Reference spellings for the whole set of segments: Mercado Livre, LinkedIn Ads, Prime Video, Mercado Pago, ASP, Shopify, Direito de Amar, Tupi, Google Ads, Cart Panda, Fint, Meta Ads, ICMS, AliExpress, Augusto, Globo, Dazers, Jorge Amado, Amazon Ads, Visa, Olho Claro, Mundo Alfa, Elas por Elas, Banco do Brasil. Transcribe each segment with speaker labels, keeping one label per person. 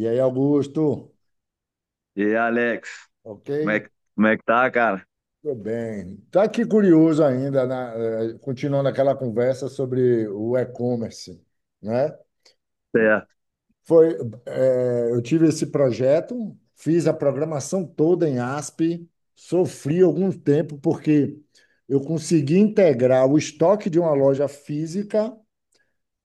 Speaker 1: E aí, Augusto?
Speaker 2: E aí, Alex,
Speaker 1: Ok?
Speaker 2: como é que tá, cara?
Speaker 1: Tudo bem. Tá aqui curioso ainda, continuando aquela conversa sobre o e-commerce, né?
Speaker 2: Certo,
Speaker 1: Foi, eu tive esse projeto, fiz a programação toda em ASP, sofri algum tempo porque eu consegui integrar o estoque de uma loja física,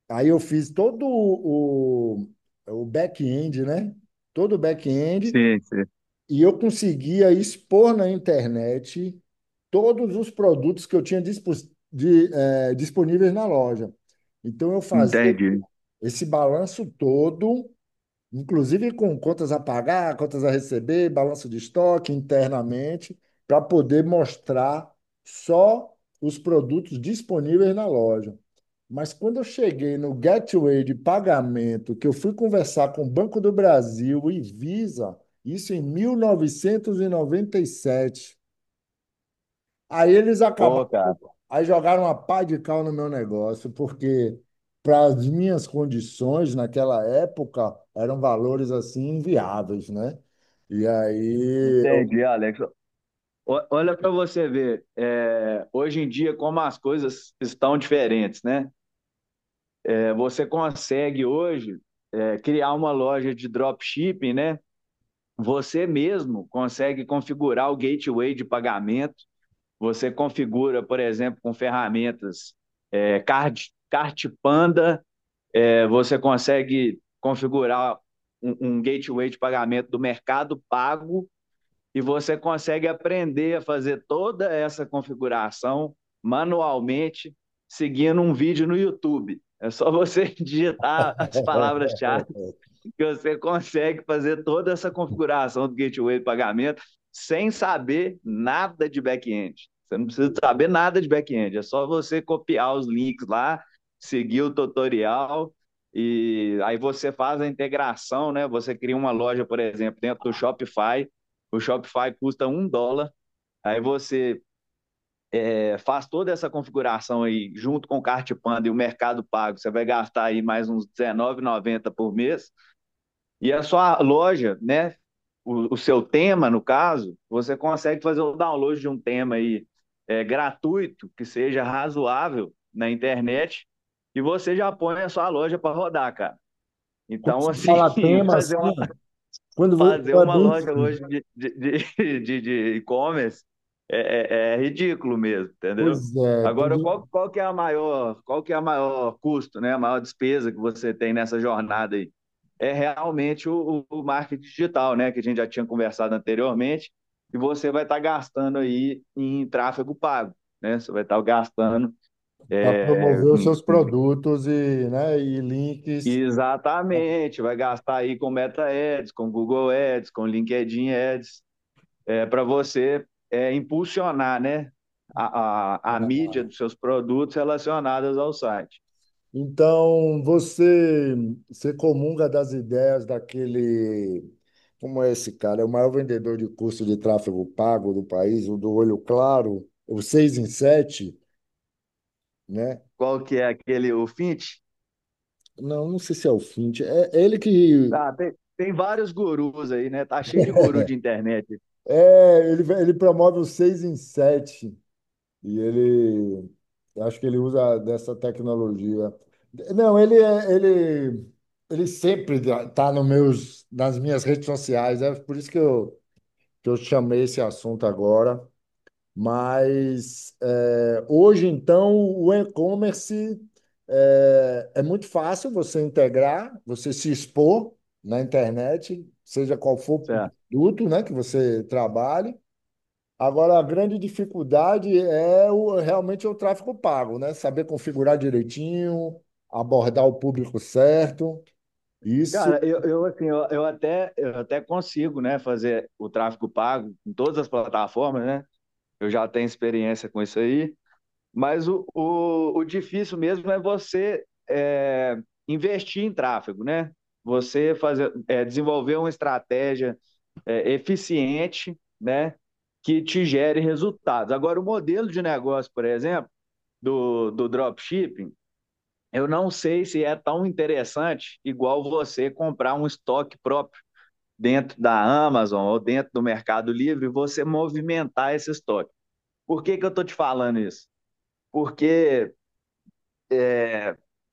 Speaker 1: aí eu fiz todo o back-end, né? Todo o back-end.
Speaker 2: sim, sim,
Speaker 1: E eu conseguia expor na internet todos os produtos que eu tinha disponíveis na loja. Então, eu fazia
Speaker 2: entendi.
Speaker 1: esse balanço todo, inclusive com contas a pagar, contas a receber, balanço de estoque internamente, para poder mostrar só os produtos disponíveis na loja. Mas quando eu cheguei no gateway de pagamento, que eu fui conversar com o Banco do Brasil e Visa, isso em mil novecentos e noventa e sete. Aí eles acabaram,
Speaker 2: Pô, cara,
Speaker 1: aí jogaram uma pá de cal no meu negócio, porque para as minhas condições naquela época eram valores assim inviáveis, né? E aí eu
Speaker 2: entendi, Alex. Olha pra você ver, é, hoje em dia como as coisas estão diferentes, né? É, você consegue hoje é, criar uma loja de dropshipping, né? Você mesmo consegue configurar o gateway de pagamento. Você configura, por exemplo, com ferramentas é, Card, Cart Panda. É, você consegue configurar um gateway de pagamento do mercado pago e você consegue aprender a fazer toda essa configuração manualmente seguindo um vídeo no YouTube. É só você digitar as palavras-chave que você consegue fazer toda essa configuração do gateway de pagamento sem saber nada de back-end. Você não precisa saber nada de back-end, é só você copiar os links lá, seguir o tutorial e aí você faz a integração, né? Você cria uma loja, por exemplo, dentro do Shopify. O Shopify custa um dólar. Aí você é, faz toda essa configuração aí junto com o Cartpanda e o Mercado Pago. Você vai gastar aí mais uns R$19,90 por mês. E a sua loja, né? O seu tema, no caso, você consegue fazer o download de um tema aí é, gratuito, que seja razoável na internet, e você já põe a sua loja para rodar, cara.
Speaker 1: Quando
Speaker 2: Então,
Speaker 1: se
Speaker 2: assim,
Speaker 1: fala tema
Speaker 2: fazer
Speaker 1: assim,
Speaker 2: fazer
Speaker 1: é
Speaker 2: uma
Speaker 1: bem
Speaker 2: loja
Speaker 1: simples.
Speaker 2: hoje de e-commerce é ridículo mesmo, entendeu?
Speaker 1: Pois é, pois
Speaker 2: Agora, qual que é a maior, qual que é a maior custo, né? A maior despesa que você tem nessa jornada aí? É realmente o marketing digital, né? Que a gente já tinha conversado anteriormente, e você vai estar gastando aí em tráfego pago, né? Você vai estar gastando
Speaker 1: para
Speaker 2: é,
Speaker 1: promover os seus produtos e, né, e links.
Speaker 2: exatamente, vai gastar aí com Meta Ads, com Google Ads, com LinkedIn Ads, é, para você é, impulsionar, né? A mídia dos seus produtos relacionados ao site.
Speaker 1: Então, você comunga das ideias daquele, como é esse cara? É o maior vendedor de curso de tráfego pago do país, o do Olho Claro, o 6 em 7, né?
Speaker 2: Qual que é aquele, o Fint?
Speaker 1: Não, não sei se é o Fint. É é ele que
Speaker 2: Ah, tem vários gurus aí, né? Tá cheio de guru de internet.
Speaker 1: é, ele promove o 6 em 7. E ele, acho que ele usa dessa tecnologia. Não, ele é- ele ele sempre está nos meus nas minhas redes sociais, é por isso que eu chamei esse assunto agora. Mas é, hoje então o e-commerce é muito fácil você integrar, você se expor na internet, seja qual for o
Speaker 2: Certo?
Speaker 1: produto, né, que você trabalhe. Agora, a grande dificuldade realmente é o tráfego pago, né? Saber configurar direitinho, abordar o público certo. Isso,
Speaker 2: Cara, eu assim, eu até consigo, né, fazer o tráfego pago em todas as plataformas, né? Eu já tenho experiência com isso aí. Mas o difícil mesmo é você é, investir em tráfego, né? Você fazer, é, desenvolver uma estratégia é, eficiente, né? Que te gere resultados. Agora, o modelo de negócio, por exemplo, do dropshipping, eu não sei se é tão interessante igual você comprar um estoque próprio dentro da Amazon ou dentro do Mercado Livre e você movimentar esse estoque. Por que, que eu estou te falando isso? Porque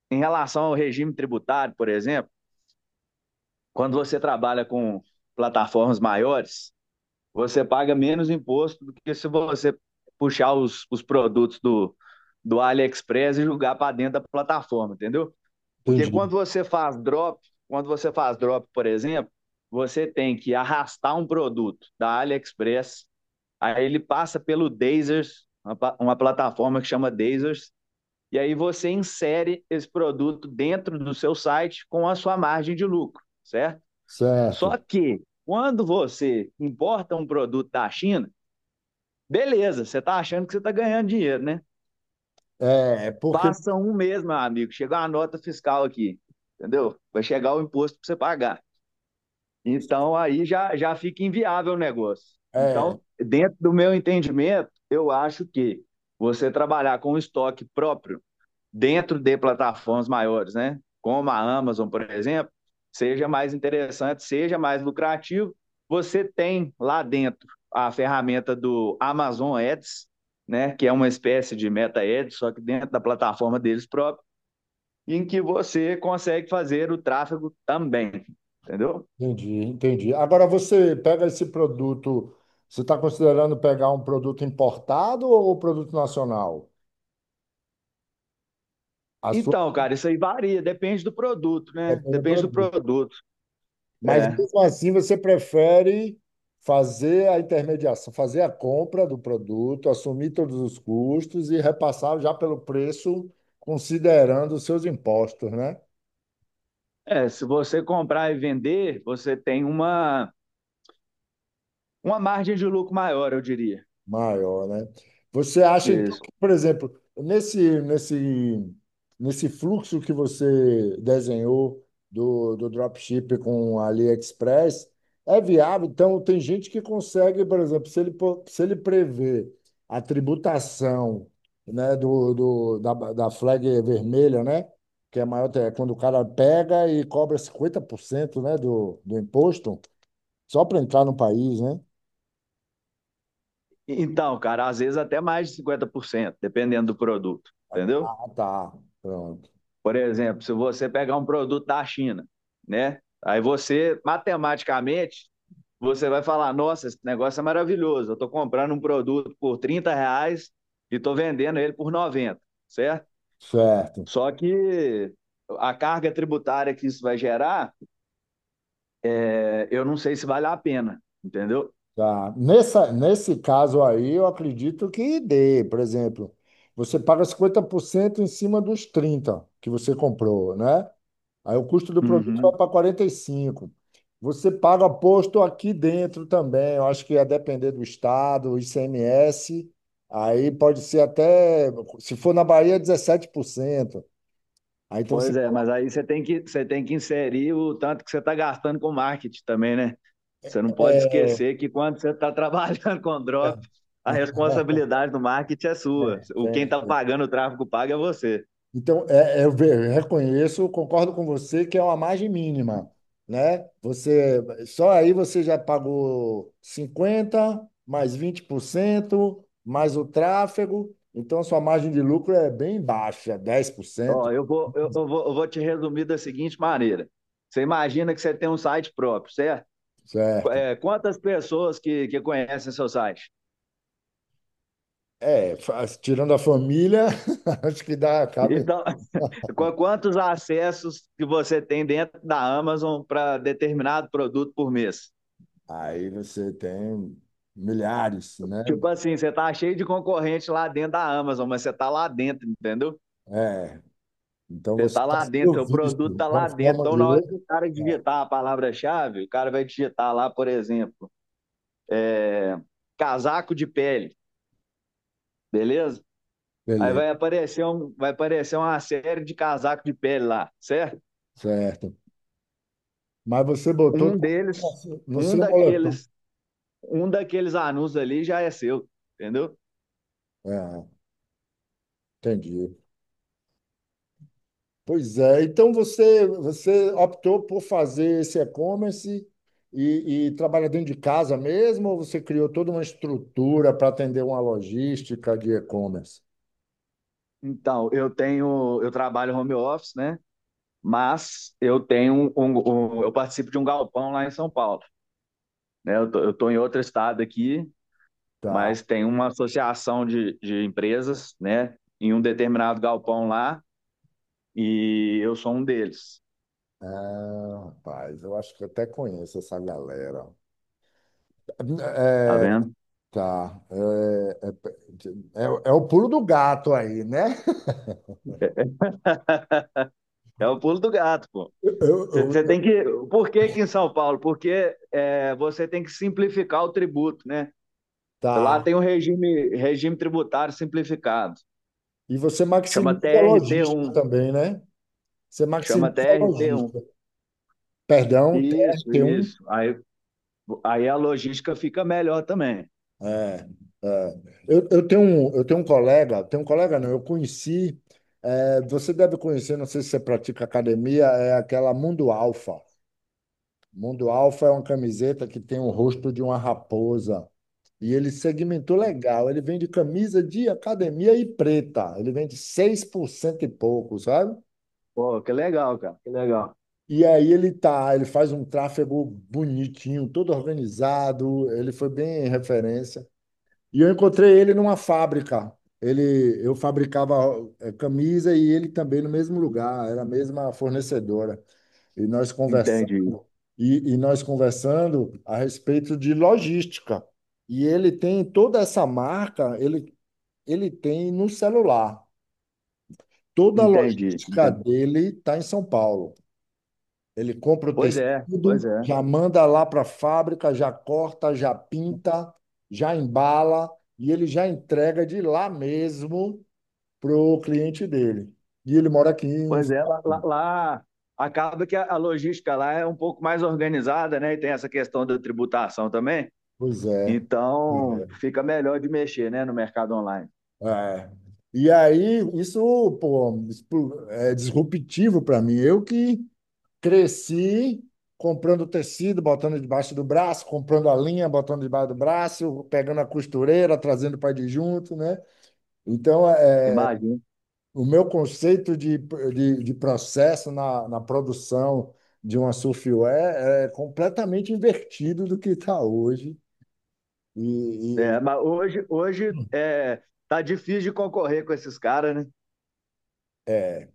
Speaker 2: em relação ao regime tributário, por exemplo, quando você trabalha com plataformas maiores, você paga menos imposto do que se você puxar os produtos do AliExpress e jogar para dentro da plataforma, entendeu? Porque
Speaker 1: entendi.
Speaker 2: quando você faz drop, por exemplo, você tem que arrastar um produto da AliExpress, aí ele passa pelo Dazers, uma plataforma que chama Dazers, e aí você insere esse produto dentro do seu site com a sua margem de lucro, certo? Só
Speaker 1: Certo.
Speaker 2: que quando você importa um produto da China, beleza, você está achando que você está ganhando dinheiro, né?
Speaker 1: É, porque.
Speaker 2: Passa um mês, meu amigo, chega uma nota fiscal aqui, entendeu? Vai chegar o imposto para você pagar. Então aí já fica inviável o negócio.
Speaker 1: É,
Speaker 2: Então, dentro do meu entendimento, eu acho que você trabalhar com estoque próprio dentro de plataformas maiores, né? Como a Amazon, por exemplo, seja mais interessante, seja mais lucrativo. Você tem lá dentro a ferramenta do Amazon Ads, né? Que é uma espécie de Meta Ads, só que dentro da plataforma deles próprios, em que você consegue fazer o tráfego também, entendeu?
Speaker 1: entendi, entendi. Agora, você pega esse produto, você está considerando pegar um produto importado ou um produto nacional? A sua.
Speaker 2: Então, cara, isso aí varia, depende do produto, né? Depende do produto.
Speaker 1: Mas
Speaker 2: É,
Speaker 1: mesmo assim, você prefere fazer a intermediação, fazer a compra do produto, assumir todos os custos e repassar já pelo preço, considerando os seus impostos, né?
Speaker 2: é se você comprar e vender, você tem uma margem de lucro maior, eu diria.
Speaker 1: Maior, né? Você acha, então,
Speaker 2: Isso.
Speaker 1: que, por exemplo, nesse fluxo que você desenhou do dropship com a AliExpress, é viável? Então, tem gente que consegue, por exemplo, se ele prever a tributação, né, da flag vermelha, né? Que é maior, é quando o cara pega e cobra 50%, né, do imposto, só para entrar no país, né?
Speaker 2: Então, cara, às vezes até mais de 50%, dependendo do produto, entendeu?
Speaker 1: Ah, tá. Pronto.
Speaker 2: Por exemplo, se você pegar um produto da China, né? Aí você, matematicamente, você vai falar, nossa, esse negócio é maravilhoso, eu estou comprando um produto por R$30 e estou vendendo ele por 90, certo?
Speaker 1: Certo,
Speaker 2: Só que a carga tributária que isso vai gerar, é, eu não sei se vale a pena, entendeu?
Speaker 1: tá. Nesse caso aí, eu acredito que dê. Por exemplo, você paga 50% em cima dos 30 que você comprou, né? Aí o custo do produto vai
Speaker 2: Uhum.
Speaker 1: para 45. Você paga posto aqui dentro também. Eu acho que ia depender do estado, o ICMS. Aí pode ser até, se for na Bahia, 17%. Aí então você
Speaker 2: Pois é, mas aí você tem que inserir o tanto que você está gastando com marketing também, né? Você não pode
Speaker 1: paga.
Speaker 2: esquecer que quando você está trabalhando com drop, a responsabilidade do marketing é sua. O quem está pagando o tráfego paga é você.
Speaker 1: Então, eu reconheço, concordo com você que é uma margem mínima, né? Você só aí você já pagou 50 mais 20% mais o tráfego, então sua margem de lucro é bem baixa, dez por
Speaker 2: Ó,
Speaker 1: cento
Speaker 2: eu vou te resumir da seguinte maneira. Você imagina que você tem um site próprio, certo?
Speaker 1: Certo?
Speaker 2: É, quantas pessoas que conhecem seu site?
Speaker 1: É, tirando a família, acho que dá, cabe.
Speaker 2: Então, quantos acessos que você tem dentro da Amazon para determinado produto por mês?
Speaker 1: Aí você tem milhares, né?
Speaker 2: Tipo assim, você tá cheio de concorrente lá dentro da Amazon, mas você tá lá dentro, entendeu?
Speaker 1: É, então
Speaker 2: Você
Speaker 1: você
Speaker 2: tá
Speaker 1: está
Speaker 2: lá
Speaker 1: sendo
Speaker 2: dentro, seu
Speaker 1: visto
Speaker 2: produto
Speaker 1: de
Speaker 2: tá
Speaker 1: uma
Speaker 2: lá dentro.
Speaker 1: forma ou
Speaker 2: Então,
Speaker 1: de
Speaker 2: na hora que
Speaker 1: outra.
Speaker 2: o cara digitar a palavra-chave, o cara vai digitar lá, por exemplo, é, casaco de pele, beleza? Aí vai
Speaker 1: Beleza,
Speaker 2: aparecer, um, vai aparecer uma série de casaco de pele lá, certo?
Speaker 1: certo. Mas você botou
Speaker 2: Um deles,
Speaker 1: no
Speaker 2: um
Speaker 1: seu moletom.
Speaker 2: daqueles, um daqueles anúncios ali já é seu, entendeu?
Speaker 1: Ah, entendi. Pois é. Então você optou por fazer esse e-commerce e trabalha dentro de casa mesmo, ou você criou toda uma estrutura para atender uma logística de e-commerce?
Speaker 2: Então, eu tenho, eu trabalho home office, né? Mas eu tenho um eu participo de um galpão lá em São Paulo, né? Eu tô em outro estado aqui,
Speaker 1: Tá.
Speaker 2: mas tem uma associação de empresas, né? Em um determinado galpão lá e eu sou um deles,
Speaker 1: Ah, rapaz, eu acho que eu até conheço essa galera.
Speaker 2: tá
Speaker 1: É,
Speaker 2: vendo?
Speaker 1: tá. É o pulo do gato aí, né?
Speaker 2: É o pulo do gato, pô.
Speaker 1: Eu-
Speaker 2: Você
Speaker 1: eu-
Speaker 2: tem que, por que que em São Paulo? Porque é, você tem que simplificar o tributo, né? Lá
Speaker 1: tá.
Speaker 2: tem um regime tributário simplificado,
Speaker 1: E você
Speaker 2: chama
Speaker 1: maximiza a
Speaker 2: trt um
Speaker 1: logística também, né? Você
Speaker 2: chama
Speaker 1: maximiza a
Speaker 2: trt um
Speaker 1: logística. Perdão,
Speaker 2: Isso,
Speaker 1: TR-T1.
Speaker 2: isso. Aí Aí a logística fica melhor também.
Speaker 1: É, é. Eu tenho um colega não, eu conheci, é, você deve conhecer, não sei se você pratica academia, é aquela Mundo Alfa. Mundo Alfa é uma camiseta que tem o rosto de uma raposa. E ele segmentou legal. Ele vende camisa de academia e preta. Ele vende 6% e pouco, sabe?
Speaker 2: Pô, que legal, cara, que legal.
Speaker 1: E aí ele tá, ele faz um tráfego bonitinho, todo organizado, ele foi bem referência. E eu encontrei ele numa fábrica. Eu fabricava camisa e ele também no mesmo lugar, era a mesma fornecedora. E nós conversando,
Speaker 2: Entendi,
Speaker 1: a respeito de logística. E ele tem toda essa marca, ele, tem no celular. Toda a
Speaker 2: entendi,
Speaker 1: logística
Speaker 2: entendi.
Speaker 1: dele está em São Paulo. Ele compra o
Speaker 2: Pois é, pois
Speaker 1: tecido,
Speaker 2: é.
Speaker 1: já manda lá para a fábrica, já corta, já pinta, já embala e ele já entrega de lá mesmo para o cliente dele. E ele mora aqui em...
Speaker 2: Pois é, lá acaba que a logística lá é um pouco mais organizada, né? E tem essa questão da tributação também.
Speaker 1: Pois é. Pois
Speaker 2: Então,
Speaker 1: é.
Speaker 2: fica melhor de mexer, né, no mercado online.
Speaker 1: É. E aí, isso, pô, é disruptivo para mim. Eu que cresci comprando tecido, botando debaixo do braço, comprando a linha, botando debaixo do braço, pegando a costureira, trazendo para de junto, né? Então,
Speaker 2: Imagina.
Speaker 1: o meu conceito de processo na produção de uma surfware é completamente invertido do que está hoje. E,
Speaker 2: É,
Speaker 1: e
Speaker 2: mas hoje é, tá difícil de concorrer com esses caras, né?
Speaker 1: é,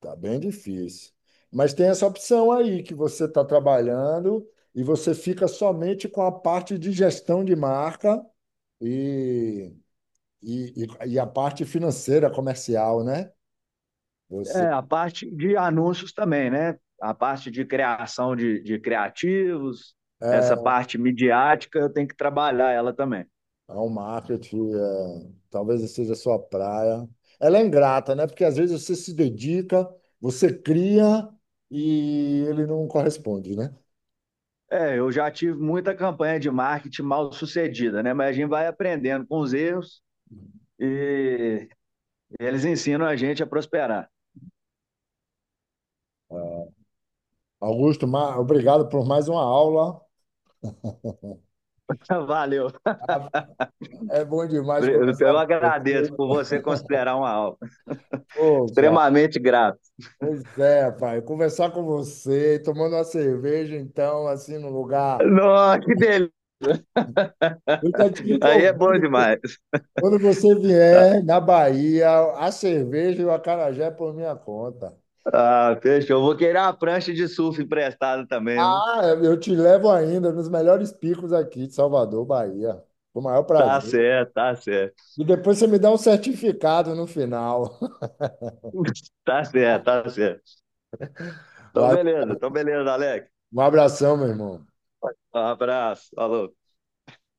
Speaker 1: tá bem difícil. Mas tem essa opção aí que você está trabalhando e você fica somente com a parte de gestão de marca e, e a parte financeira comercial, né? Você
Speaker 2: É, a parte de anúncios também, né? A parte de criação de criativos, essa
Speaker 1: é,
Speaker 2: parte midiática, eu tenho que trabalhar ela também.
Speaker 1: Ao marketing, é, talvez essa seja a sua praia. Ela é ingrata, né? Porque às vezes você se dedica, você cria e ele não corresponde, né?
Speaker 2: É, eu já tive muita campanha de marketing mal sucedida, né? Mas a gente vai aprendendo com os erros e eles ensinam a gente a prosperar.
Speaker 1: É. Augusto, obrigado por mais uma aula.
Speaker 2: Valeu.
Speaker 1: Ah, é bom demais conversar
Speaker 2: Eu
Speaker 1: com
Speaker 2: agradeço
Speaker 1: você.
Speaker 2: por você considerar uma aula.
Speaker 1: Poxa,
Speaker 2: Extremamente grato.
Speaker 1: pois é, pai. Conversar com você, tomando uma cerveja, então, assim, no lugar.
Speaker 2: Nossa, que delícia!
Speaker 1: Eu já te
Speaker 2: Aí é bom
Speaker 1: convido.
Speaker 2: demais.
Speaker 1: Quando você vier na Bahia, a cerveja e o acarajé é por minha conta.
Speaker 2: Ah, fechou. Vou querer uma prancha de surf emprestada também, viu?
Speaker 1: Ah, eu te levo ainda nos melhores picos aqui de Salvador, Bahia. Com o maior
Speaker 2: Tá
Speaker 1: prazer.
Speaker 2: certo, tá certo.
Speaker 1: E depois você me dá um certificado no final.
Speaker 2: Tá certo, tá certo.
Speaker 1: Vai,
Speaker 2: Então, beleza, Alex.
Speaker 1: um abração, meu irmão.
Speaker 2: Um abraço, falou.